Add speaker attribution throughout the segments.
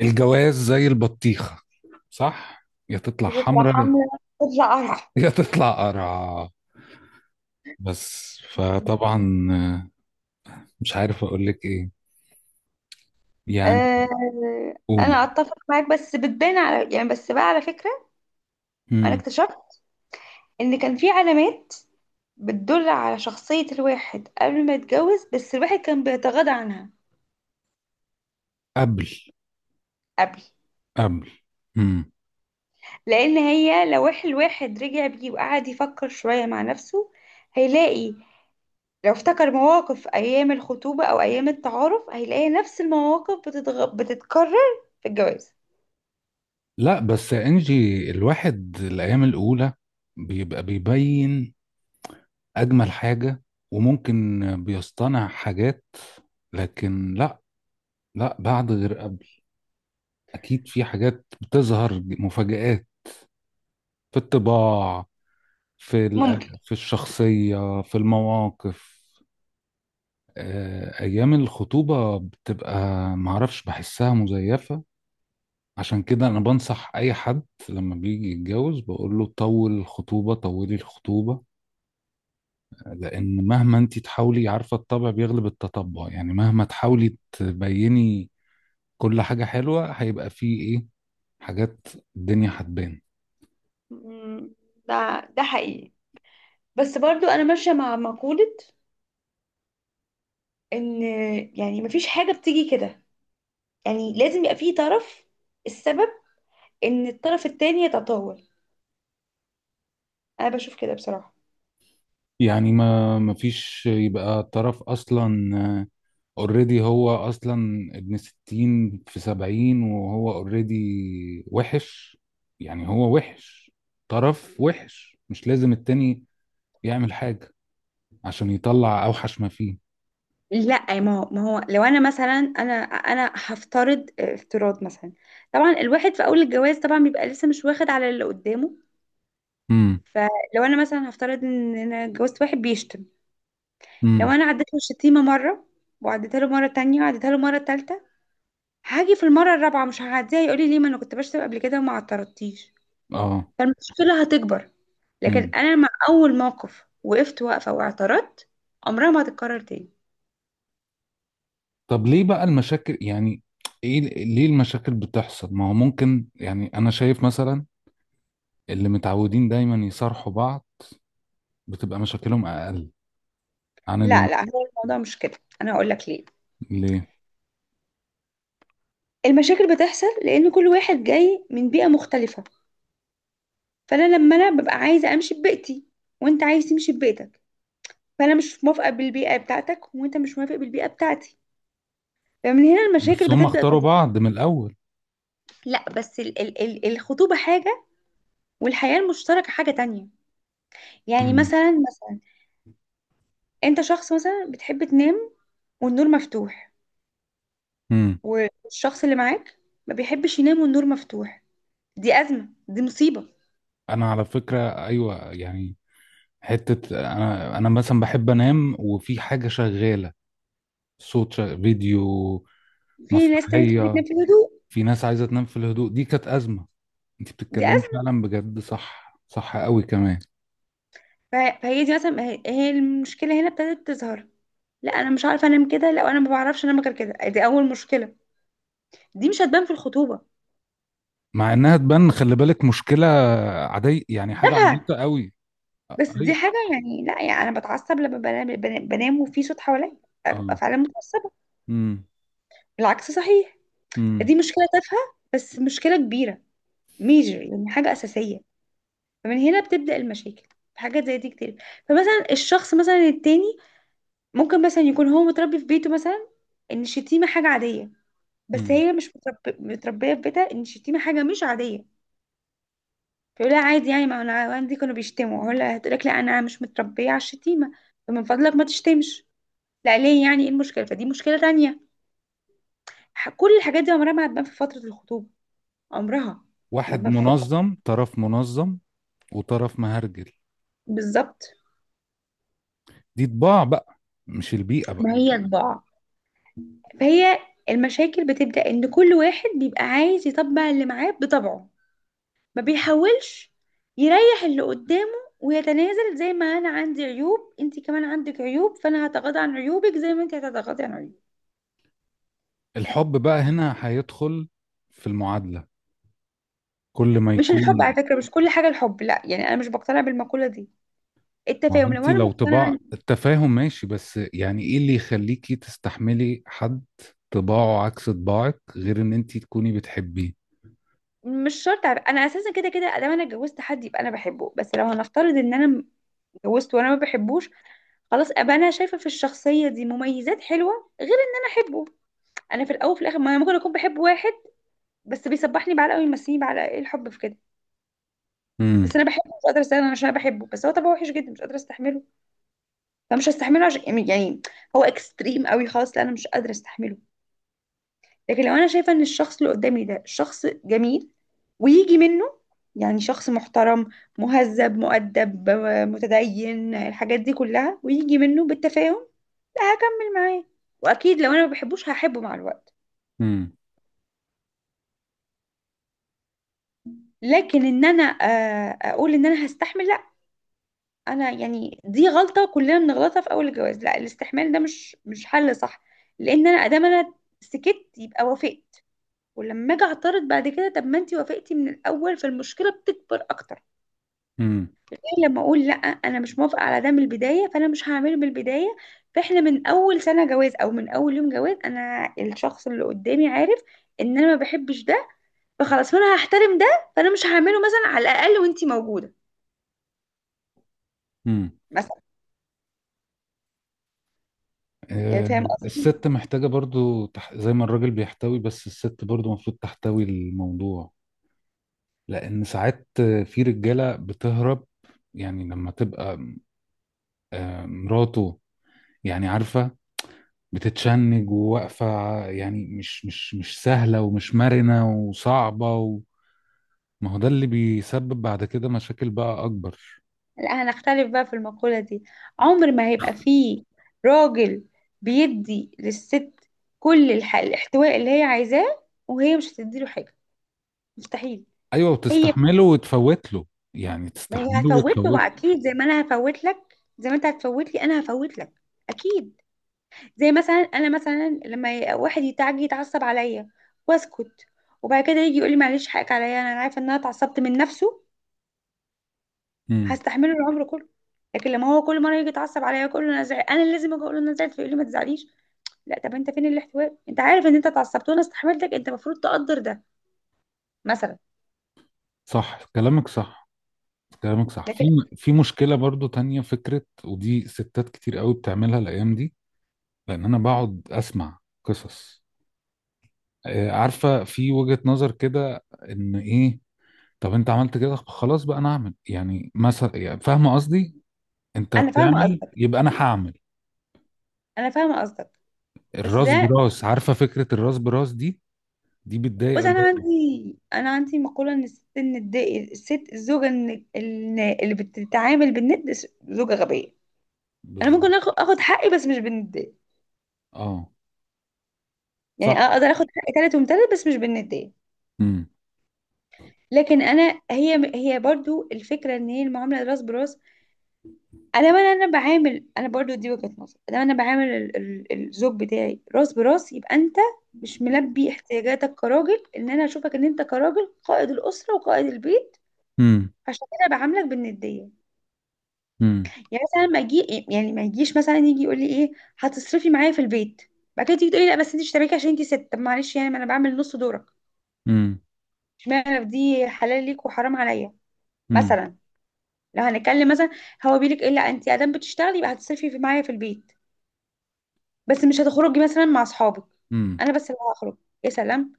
Speaker 1: الجواز زي البطيخة. صح؟ يا تطلع
Speaker 2: بتطلع
Speaker 1: حمرا،
Speaker 2: حملة. بتطلع قرع.
Speaker 1: يا تطلع قرعة. بس فطبعا مش عارف اقول لك ايه يعني.
Speaker 2: آه، انا
Speaker 1: قولي.
Speaker 2: اتفق معاك، بس بتبان على، يعني، بس بقى على فكرة. انا
Speaker 1: امم.
Speaker 2: اكتشفت ان كان في علامات بتدل على شخصية الواحد قبل ما يتجوز، بس الواحد كان بيتغاضى عنها.
Speaker 1: قبل.
Speaker 2: قبل.
Speaker 1: قبل. امم.
Speaker 2: لان هي لو الواحد رجع بيه وقعد يفكر شوية مع نفسه هيلاقي. لو افتكر مواقف ايام الخطوبة او ايام التعارف هيلاقي نفس المواقف بتتكرر في الجواز.
Speaker 1: لا بس يا انجي، الواحد الايام الاولى بيبقى بيبين اجمل حاجة، وممكن بيصطنع حاجات. لكن لا، لا بعد غير قبل. اكيد في حاجات بتظهر مفاجآت في الطباع، في ال-
Speaker 2: ممكن.
Speaker 1: في الشخصية في المواقف. آه، أيام الخطوبة بتبقى معرفش بحسها مزيفة. عشان كده أنا بنصح أي حد لما بيجي يتجوز بقول له طول الخطوبة، طولي الخطوبة، لأن مهما أنت تحاولي، عارفة، الطبع بيغلب التطبع، يعني مهما تحاولي تبيني كل حاجة حلوة هيبقى فيه إيه، حاجات، الدنيا هتبان.
Speaker 2: مم، ده ده حقيقي. بس برضو انا ماشيه مع مقوله ان، يعني، مفيش حاجه بتيجي كده. يعني لازم يبقى في طرف، السبب ان الطرف التاني يتطاول. انا بشوف كده بصراحه.
Speaker 1: يعني ما مفيش يبقى طرف أصلا. اوريدي، هو اصلا ابن ستين في سبعين وهو اوريدي وحش. يعني هو وحش، طرف وحش، مش لازم التاني يعمل حاجة عشان يطلع اوحش ما فيه.
Speaker 2: لا، ما هو لو انا مثلا، انا هفترض افتراض مثلا. طبعا الواحد في اول الجواز طبعا بيبقى لسه مش واخد على اللي قدامه.
Speaker 1: امم.
Speaker 2: فلو انا مثلا هفترض ان انا اتجوزت واحد بيشتم. لو
Speaker 1: امم.
Speaker 2: انا عديت له الشتيمه مره، وعديتها له مره تانية، وعديتها له مره تالتة، هاجي في المره الرابعه مش هعديها، يقول لي: ليه؟ ما انا كنت بشتم قبل كده وما اعترضتيش.
Speaker 1: اه.
Speaker 2: فالمشكلة هتكبر. لكن
Speaker 1: امم.
Speaker 2: أنا مع أول موقف وقفت واقفة واعترضت، عمرها ما هتتكرر تاني.
Speaker 1: طب ليه بقى المشاكل يعني؟ ايه ليه المشاكل بتحصل؟ ما هو ممكن، يعني انا شايف مثلا اللي متعودين دايما يصارحوا بعض بتبقى مشاكلهم اقل عن
Speaker 2: لا
Speaker 1: اللي...
Speaker 2: لا، هو الموضوع مش كده. أنا هقول لك ليه.
Speaker 1: ليه؟
Speaker 2: المشاكل بتحصل لأن كل واحد جاي من بيئة مختلفة. فأنا لما أنا ببقى عايزة أمشي ببيئتي، وأنت عايز تمشي ببيئتك، فأنا مش موافقة بالبيئة بتاعتك، وأنت مش موافق بالبيئة بتاعتي، فمن هنا المشاكل
Speaker 1: بس هم
Speaker 2: بتبدأ
Speaker 1: اختاروا
Speaker 2: تظهر.
Speaker 1: بعض من الاول.
Speaker 2: لا بس ال ال ال الخطوبة حاجة، والحياة المشتركة حاجة تانية. يعني مثلا، مثلا، انت شخص مثلا بتحب تنام والنور مفتوح،
Speaker 1: امم.
Speaker 2: والشخص اللي معاك ما بيحبش ينام والنور مفتوح، دي أزمة، دي مصيبة.
Speaker 1: انا على فكره ايوه يعني. حته انا مثلا بحب انام وفي حاجه شغاله، فيديو،
Speaker 2: في ناس تانية تحب
Speaker 1: مسرحيه.
Speaker 2: تنام في الهدوء.
Speaker 1: في ناس عايزه تنام في الهدوء، دي كانت ازمه. انت
Speaker 2: دي
Speaker 1: بتتكلمي
Speaker 2: أزمة.
Speaker 1: فعلا بجد، صح، صح قوي كمان.
Speaker 2: فهي دي مثلا، هي المشكلة هنا ابتدت تظهر. لا، أنا مش عارفة أنام كده، لا أنا ما بعرفش أنام غير كده، دي أول مشكلة، دي مش هتبان في الخطوبة.
Speaker 1: مع انها تبان، خلي بالك، مشكله عاديه يعني، حاجه
Speaker 2: تافهة،
Speaker 1: عبيطه قوي.
Speaker 2: بس دي
Speaker 1: ايوه.
Speaker 2: حاجة، يعني، لا، يعني أنا بتعصب لما بنام، بنام وفي صوت حواليا أبقى
Speaker 1: اه.
Speaker 2: فعلا متعصبة.
Speaker 1: امم.
Speaker 2: العكس صحيح.
Speaker 1: امم.
Speaker 2: دي مشكلة تافهة بس مشكلة كبيرة، ميجر، يعني حاجة أساسية. فمن هنا بتبدأ المشاكل. في حاجات زي دي كتير. فمثلا الشخص مثلا التاني ممكن مثلا يكون هو متربي في بيته مثلا ان الشتيمة حاجة عادية، بس
Speaker 1: امم.
Speaker 2: هي مش مترب... متربية في بيتها ان الشتيمة حاجة مش عادية. فيقول لها عادي يعني، ما انا عندي كانوا بيشتموا، هقول لها هتقول لك: لا، انا مش متربية على الشتيمة، فمن فضلك ما تشتمش. لا ليه؟ يعني ايه المشكلة؟ فدي مشكلة تانية. كل الحاجات دي عمرها ما هتبان في فترة الخطوبة، عمرها ما
Speaker 1: واحد
Speaker 2: هتبان في فترة.
Speaker 1: منظم، طرف منظم وطرف مهرجل.
Speaker 2: بالظبط.
Speaker 1: دي طباع بقى، مش البيئه بقى.
Speaker 2: ما هي طباع، فهي المشاكل بتبدأ إن كل واحد بيبقى عايز يطبع اللي معاه بطبعه، ما بيحاولش يريح اللي قدامه ويتنازل. زي ما أنا عندي عيوب، أنت كمان عندك عيوب، فأنا هتغاضى عن عيوبك زي ما أنت هتتغاضي عن عيوبي.
Speaker 1: الحب بقى هنا هيدخل في المعادلة. كل ما
Speaker 2: مش الحب على
Speaker 1: يكون
Speaker 2: فكرة، مش كل حاجة الحب، لا، يعني أنا مش بقتنع بالمقولة دي.
Speaker 1: ما هو
Speaker 2: التفاهم،
Speaker 1: انت
Speaker 2: لو أنا
Speaker 1: لو طباع،
Speaker 2: مقتنعة،
Speaker 1: التفاهم ماشي، بس يعني ايه اللي يخليكي تستحملي حد طباعه عكس طباعك غير ان انت تكوني بتحبيه.
Speaker 2: مش شرط، عارف. أنا أساسا كده كده أدام أنا اتجوزت حد يبقى أنا بحبه، بس لو هنفترض إن أنا اتجوزت وأنا ما بحبوش، خلاص أبقى أنا شايفة في الشخصية دي مميزات حلوة غير إن أنا أحبه. انا في الاول وفي الاخر ما انا ممكن اكون بحب واحد بس بيسبحني بعلقه ويمسيني بعلقه، ايه الحب في كده؟ بس
Speaker 1: امم.
Speaker 2: انا بحبه مش قادره استغنى عشان انا بحبه، بس هو طبعا وحش جدا مش قادره استحمله، فمش هستحمله عشان، يعني، يعني هو اكستريم قوي خالص، لا انا مش قادره استحمله. لكن لو انا شايفه ان الشخص اللي قدامي ده شخص جميل ويجي منه، يعني شخص محترم مهذب مؤدب متدين، الحاجات دي كلها ويجي منه بالتفاهم، لا هكمل معاه. واكيد لو انا ما بحبوش هحبه مع الوقت.
Speaker 1: امم.
Speaker 2: لكن ان انا اقول ان انا هستحمل، لا. انا يعني دي غلطه كلنا بنغلطها في اول الجواز، لا الاستحمال ده مش مش حل صح. لان انا ادام انا سكت يبقى وافقت، ولما اجي اعترض بعد كده طب ما انتي وافقتي من الاول، فالمشكله بتكبر اكتر.
Speaker 1: امم.
Speaker 2: إيه لما اقول: لا انا مش موافقه على ده من البدايه، فانا مش هعمله من البدايه، فاحنا من اول سنه جواز او من اول يوم جواز انا الشخص اللي قدامي عارف ان انا ما بحبش ده، فخلاص فانا هحترم ده، فانا مش هعمله مثلا على الاقل وانتي موجوده،
Speaker 1: امم.
Speaker 2: مثلا. يعني
Speaker 1: آه.
Speaker 2: فاهم قصدي.
Speaker 1: الست محتاجة برضو زي ما الراجل بيحتوي، بس الست برضو المفروض تحتوي الموضوع. لان ساعات في رجالة بتهرب، يعني لما تبقى آه مراته، يعني عارفة، بتتشنج وواقفة يعني، مش سهلة ومش مرنة وصعبة ما هو ده اللي بيسبب بعد كده مشاكل بقى أكبر.
Speaker 2: لا هنختلف بقى في المقولة دي. عمر ما هيبقى فيه راجل بيدي للست كل الاحتواء اللي هي عايزاه، وهي مش هتديله حاجة، مستحيل.
Speaker 1: أيوة،
Speaker 2: هي،
Speaker 1: وتستحمله وتفوت له، يعني
Speaker 2: ما هي
Speaker 1: تستحمله
Speaker 2: هتفوت له
Speaker 1: وتفوت
Speaker 2: بقى
Speaker 1: له.
Speaker 2: اكيد زي ما انا هفوت لك، زي ما انت هتفوت لي انا هفوت لك، اكيد. زي مثلا انا، مثلا لما واحد يتعجي يتعصب عليا واسكت، وبعد كده يجي يقول لي: معلش، حقك عليا، انا عارفه ان انا اتعصبت من نفسه،
Speaker 1: امم.
Speaker 2: هستحمله العمر كله. لكن لما هو كل مره يجي يتعصب عليا، كل انا زعل انا اللي لازم اجي اقول له انا زعلت، فيقول لي ما تزعليش، لا طب انت فين الاحتواء؟ انت عارف ان انت اتعصبت وانا استحملتك، انت المفروض تقدر ده، مثلا.
Speaker 1: صح كلامك، صح كلامك صح. في
Speaker 2: لكن
Speaker 1: في مشكلة برضو تانية، فكرة، ودي ستات كتير قوي بتعملها الأيام دي. لأن أنا بقعد أسمع قصص، آه، عارفة، في وجهة نظر كده إن إيه، طب أنت عملت كده، خلاص بقى أنا أعمل، يعني مثلا، يعني فاهمة قصدي. انت
Speaker 2: انا فاهمه
Speaker 1: بتعمل
Speaker 2: قصدك
Speaker 1: يبقى انا هعمل.
Speaker 2: انا فاهمه قصدك. بس
Speaker 1: الراس
Speaker 2: ده...
Speaker 1: براس، عارفه فكره الراس براس دي، دي بتضايق
Speaker 2: بص، انا
Speaker 1: الراس.
Speaker 2: عندي انا عندي مقوله ان الست الند، الست الزوجه، اللي بتتعامل بالند زوجه غبيه. انا
Speaker 1: بالظبط.
Speaker 2: ممكن اخد حقي بس مش بالنديه.
Speaker 1: اه.
Speaker 2: يعني
Speaker 1: صح.
Speaker 2: اقدر اخد حقي تالت ومتلت بس مش بالنديه.
Speaker 1: امم.
Speaker 2: لكن انا، هي برضو الفكره ان هي المعامله راس براس، ادام انا، انا بعامل، انا برضو دي وجهة نظر، ادام انا بعامل الزوج بتاعي راس براس يبقى انت مش ملبي احتياجاتك كراجل ان انا اشوفك ان انت كراجل قائد الاسره وقائد البيت،
Speaker 1: امم.
Speaker 2: عشان كده بعاملك بالنديه.
Speaker 1: امم.
Speaker 2: يعني مثلا ما اجي، يعني ما يجيش مثلا يجي يقول لي: ايه، هتصرفي معايا في البيت؟ بعد كده تيجي تقولي: لا بس انت اشتريكي عشان انت ست. طب معلش، يعني ما انا بعمل نص دورك،
Speaker 1: امم.
Speaker 2: اشمعنى دي حلال ليك وحرام عليا؟
Speaker 1: امم.
Speaker 2: مثلا. لو هنتكلم مثلا، هو بيقول لك ايه: لا، انت ادام بتشتغلي يبقى هتصرفي في معايا في البيت، بس مش هتخرجي مثلا مع اصحابك،
Speaker 1: امم.
Speaker 2: انا بس اللي هخرج. يا سلام!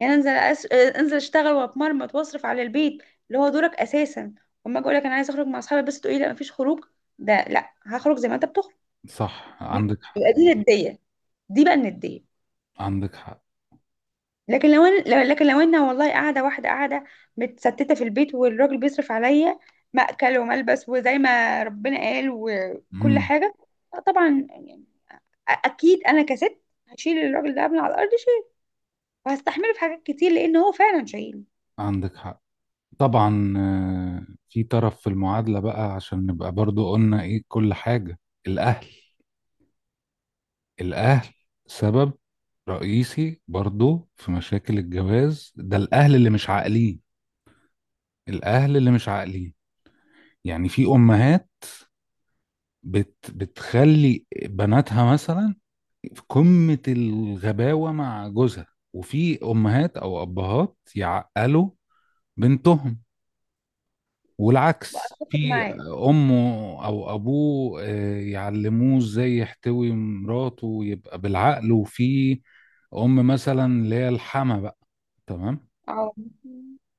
Speaker 2: يعني انزل انزل اشتغل واتمرمط واصرف على البيت، اللي هو دورك اساسا، وما اجي اقول لك انا عايزه اخرج مع اصحابي بس تقولي لا مفيش خروج، ده لا هخرج زي ما انت بتخرج.
Speaker 1: صح، عندك حق.
Speaker 2: يبقى دي نديه، دي بقى النديه.
Speaker 1: عندك حق.
Speaker 2: لكن لو انا، لكن لو انا والله قاعده واحده، قاعده متستته في البيت والراجل بيصرف عليا مأكل وملبس وزي ما ربنا قال وكل
Speaker 1: امم.
Speaker 2: حاجه، لا طبعا يعني، اكيد انا كست هشيل الراجل ده من على الارض، وهستحمله في حاجات كتير لان هو فعلا شهيد.
Speaker 1: عندك حق. طبعا. آه، في طرف في المعادله بقى، عشان نبقى برضو قلنا ايه كل حاجه. الاهل، الاهل سبب رئيسي برضو في مشاكل الجواز. ده الاهل اللي مش عاقلين، الاهل اللي مش عاقلين. يعني في امهات بتخلي بناتها مثلا في قمة الغباوة مع جوزها. وفي امهات او ابهات يعقلوا بنتهم. والعكس،
Speaker 2: اتفق
Speaker 1: في
Speaker 2: معاك.
Speaker 1: امه او ابوه، آه، يعلموه ازاي يحتوي مراته ويبقى بالعقل. وفي ام مثلا اللي هي الحما بقى. تمام.
Speaker 2: اه.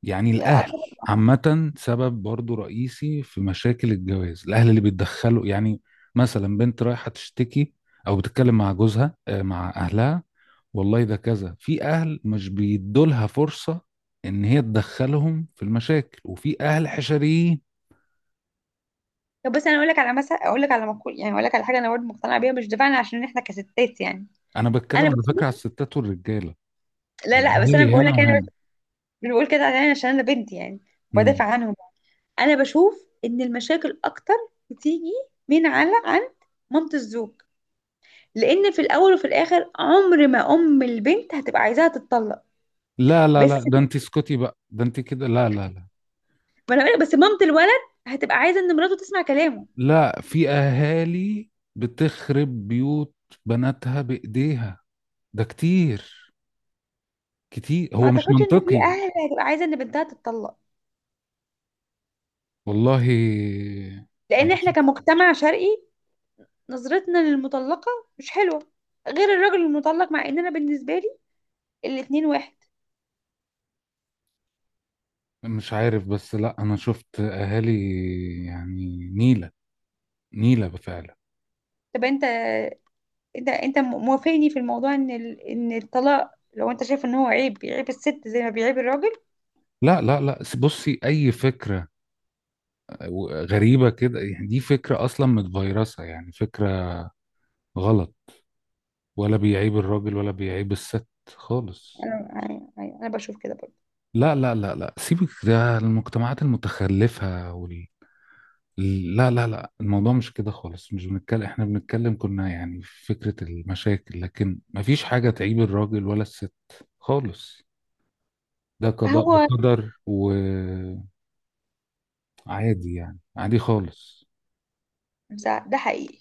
Speaker 1: يعني
Speaker 2: يا
Speaker 1: الأهل
Speaker 2: أتفق.
Speaker 1: عامة سبب برضو رئيسي في مشاكل الجواز، الأهل اللي بيتدخلوا. يعني مثلا بنت رايحة تشتكي أو بتتكلم مع جوزها، آه، مع أهلها. والله ده كذا. في أهل مش بيدولها فرصة إن هي تدخلهم في المشاكل، وفي أهل حشريين.
Speaker 2: طب بس انا اقول لك على، مثلا اقول لك على مقول، يعني اقول لك على حاجه انا برضه مقتنعه بيها مش دفاعا عشان احنا كستات يعني،
Speaker 1: أنا بتكلم
Speaker 2: انا
Speaker 1: على فكرة
Speaker 2: بشوف،
Speaker 1: على الستات والرجالة.
Speaker 2: لا لا بس انا
Speaker 1: الأهالي
Speaker 2: بقول
Speaker 1: هنا
Speaker 2: لك انا
Speaker 1: وهنا.
Speaker 2: مش بقول كده يعني عشان انا بنت، يعني
Speaker 1: مم.
Speaker 2: بدافع عنهم. انا بشوف ان المشاكل اكتر بتيجي من على عند مامة الزوج، لان في الاول وفي الاخر عمر ما ام البنت هتبقى عايزاها تتطلق.
Speaker 1: لا لا لا،
Speaker 2: بس
Speaker 1: ده أنت اسكتي بقى، ده أنت كده، لا لا لا.
Speaker 2: ما انا بقول لك بس مامة الولد هتبقى عايزه ان مراته تسمع كلامه.
Speaker 1: لا، في اهالي بتخرب بيوت بناتها بايديها. ده كتير، كتير.
Speaker 2: ما
Speaker 1: هو مش
Speaker 2: اعتقدش ان في
Speaker 1: منطقي.
Speaker 2: اهل هتبقى عايزه ان بنتها تتطلق،
Speaker 1: والله انا
Speaker 2: لان احنا
Speaker 1: شفت.
Speaker 2: كمجتمع شرقي نظرتنا للمطلقه مش حلوه، غير الراجل المطلق، مع ان انا بالنسبه لي الاتنين واحد.
Speaker 1: مش عارف بس، لا، انا شفت اهالي يعني نيلة، نيلة فعلا.
Speaker 2: طب انت، انت موافقني في الموضوع ان ان الطلاق لو انت شايف ان هو عيب بيعيب الست زي ما بيعيب الراجل.
Speaker 1: لا لا لا، بصي. اي فكرة غريبة كده يعني، دي فكرة اصلا متفيرسة، يعني فكرة غلط. ولا بيعيب الراجل ولا بيعيب الست خالص.
Speaker 2: انا انا أنا بشوف كده برضه.
Speaker 1: لا لا لا لا، سيبك ده المجتمعات المتخلفة لا لا لا. الموضوع مش كده خالص، مش بنتكلم، احنا بنتكلم كنا يعني في فكرة المشاكل، لكن مفيش حاجة تعيب الراجل ولا الست خالص. ده قضاء
Speaker 2: هو
Speaker 1: وقدر وعادي، يعني عادي خالص.
Speaker 2: ده حقيقي.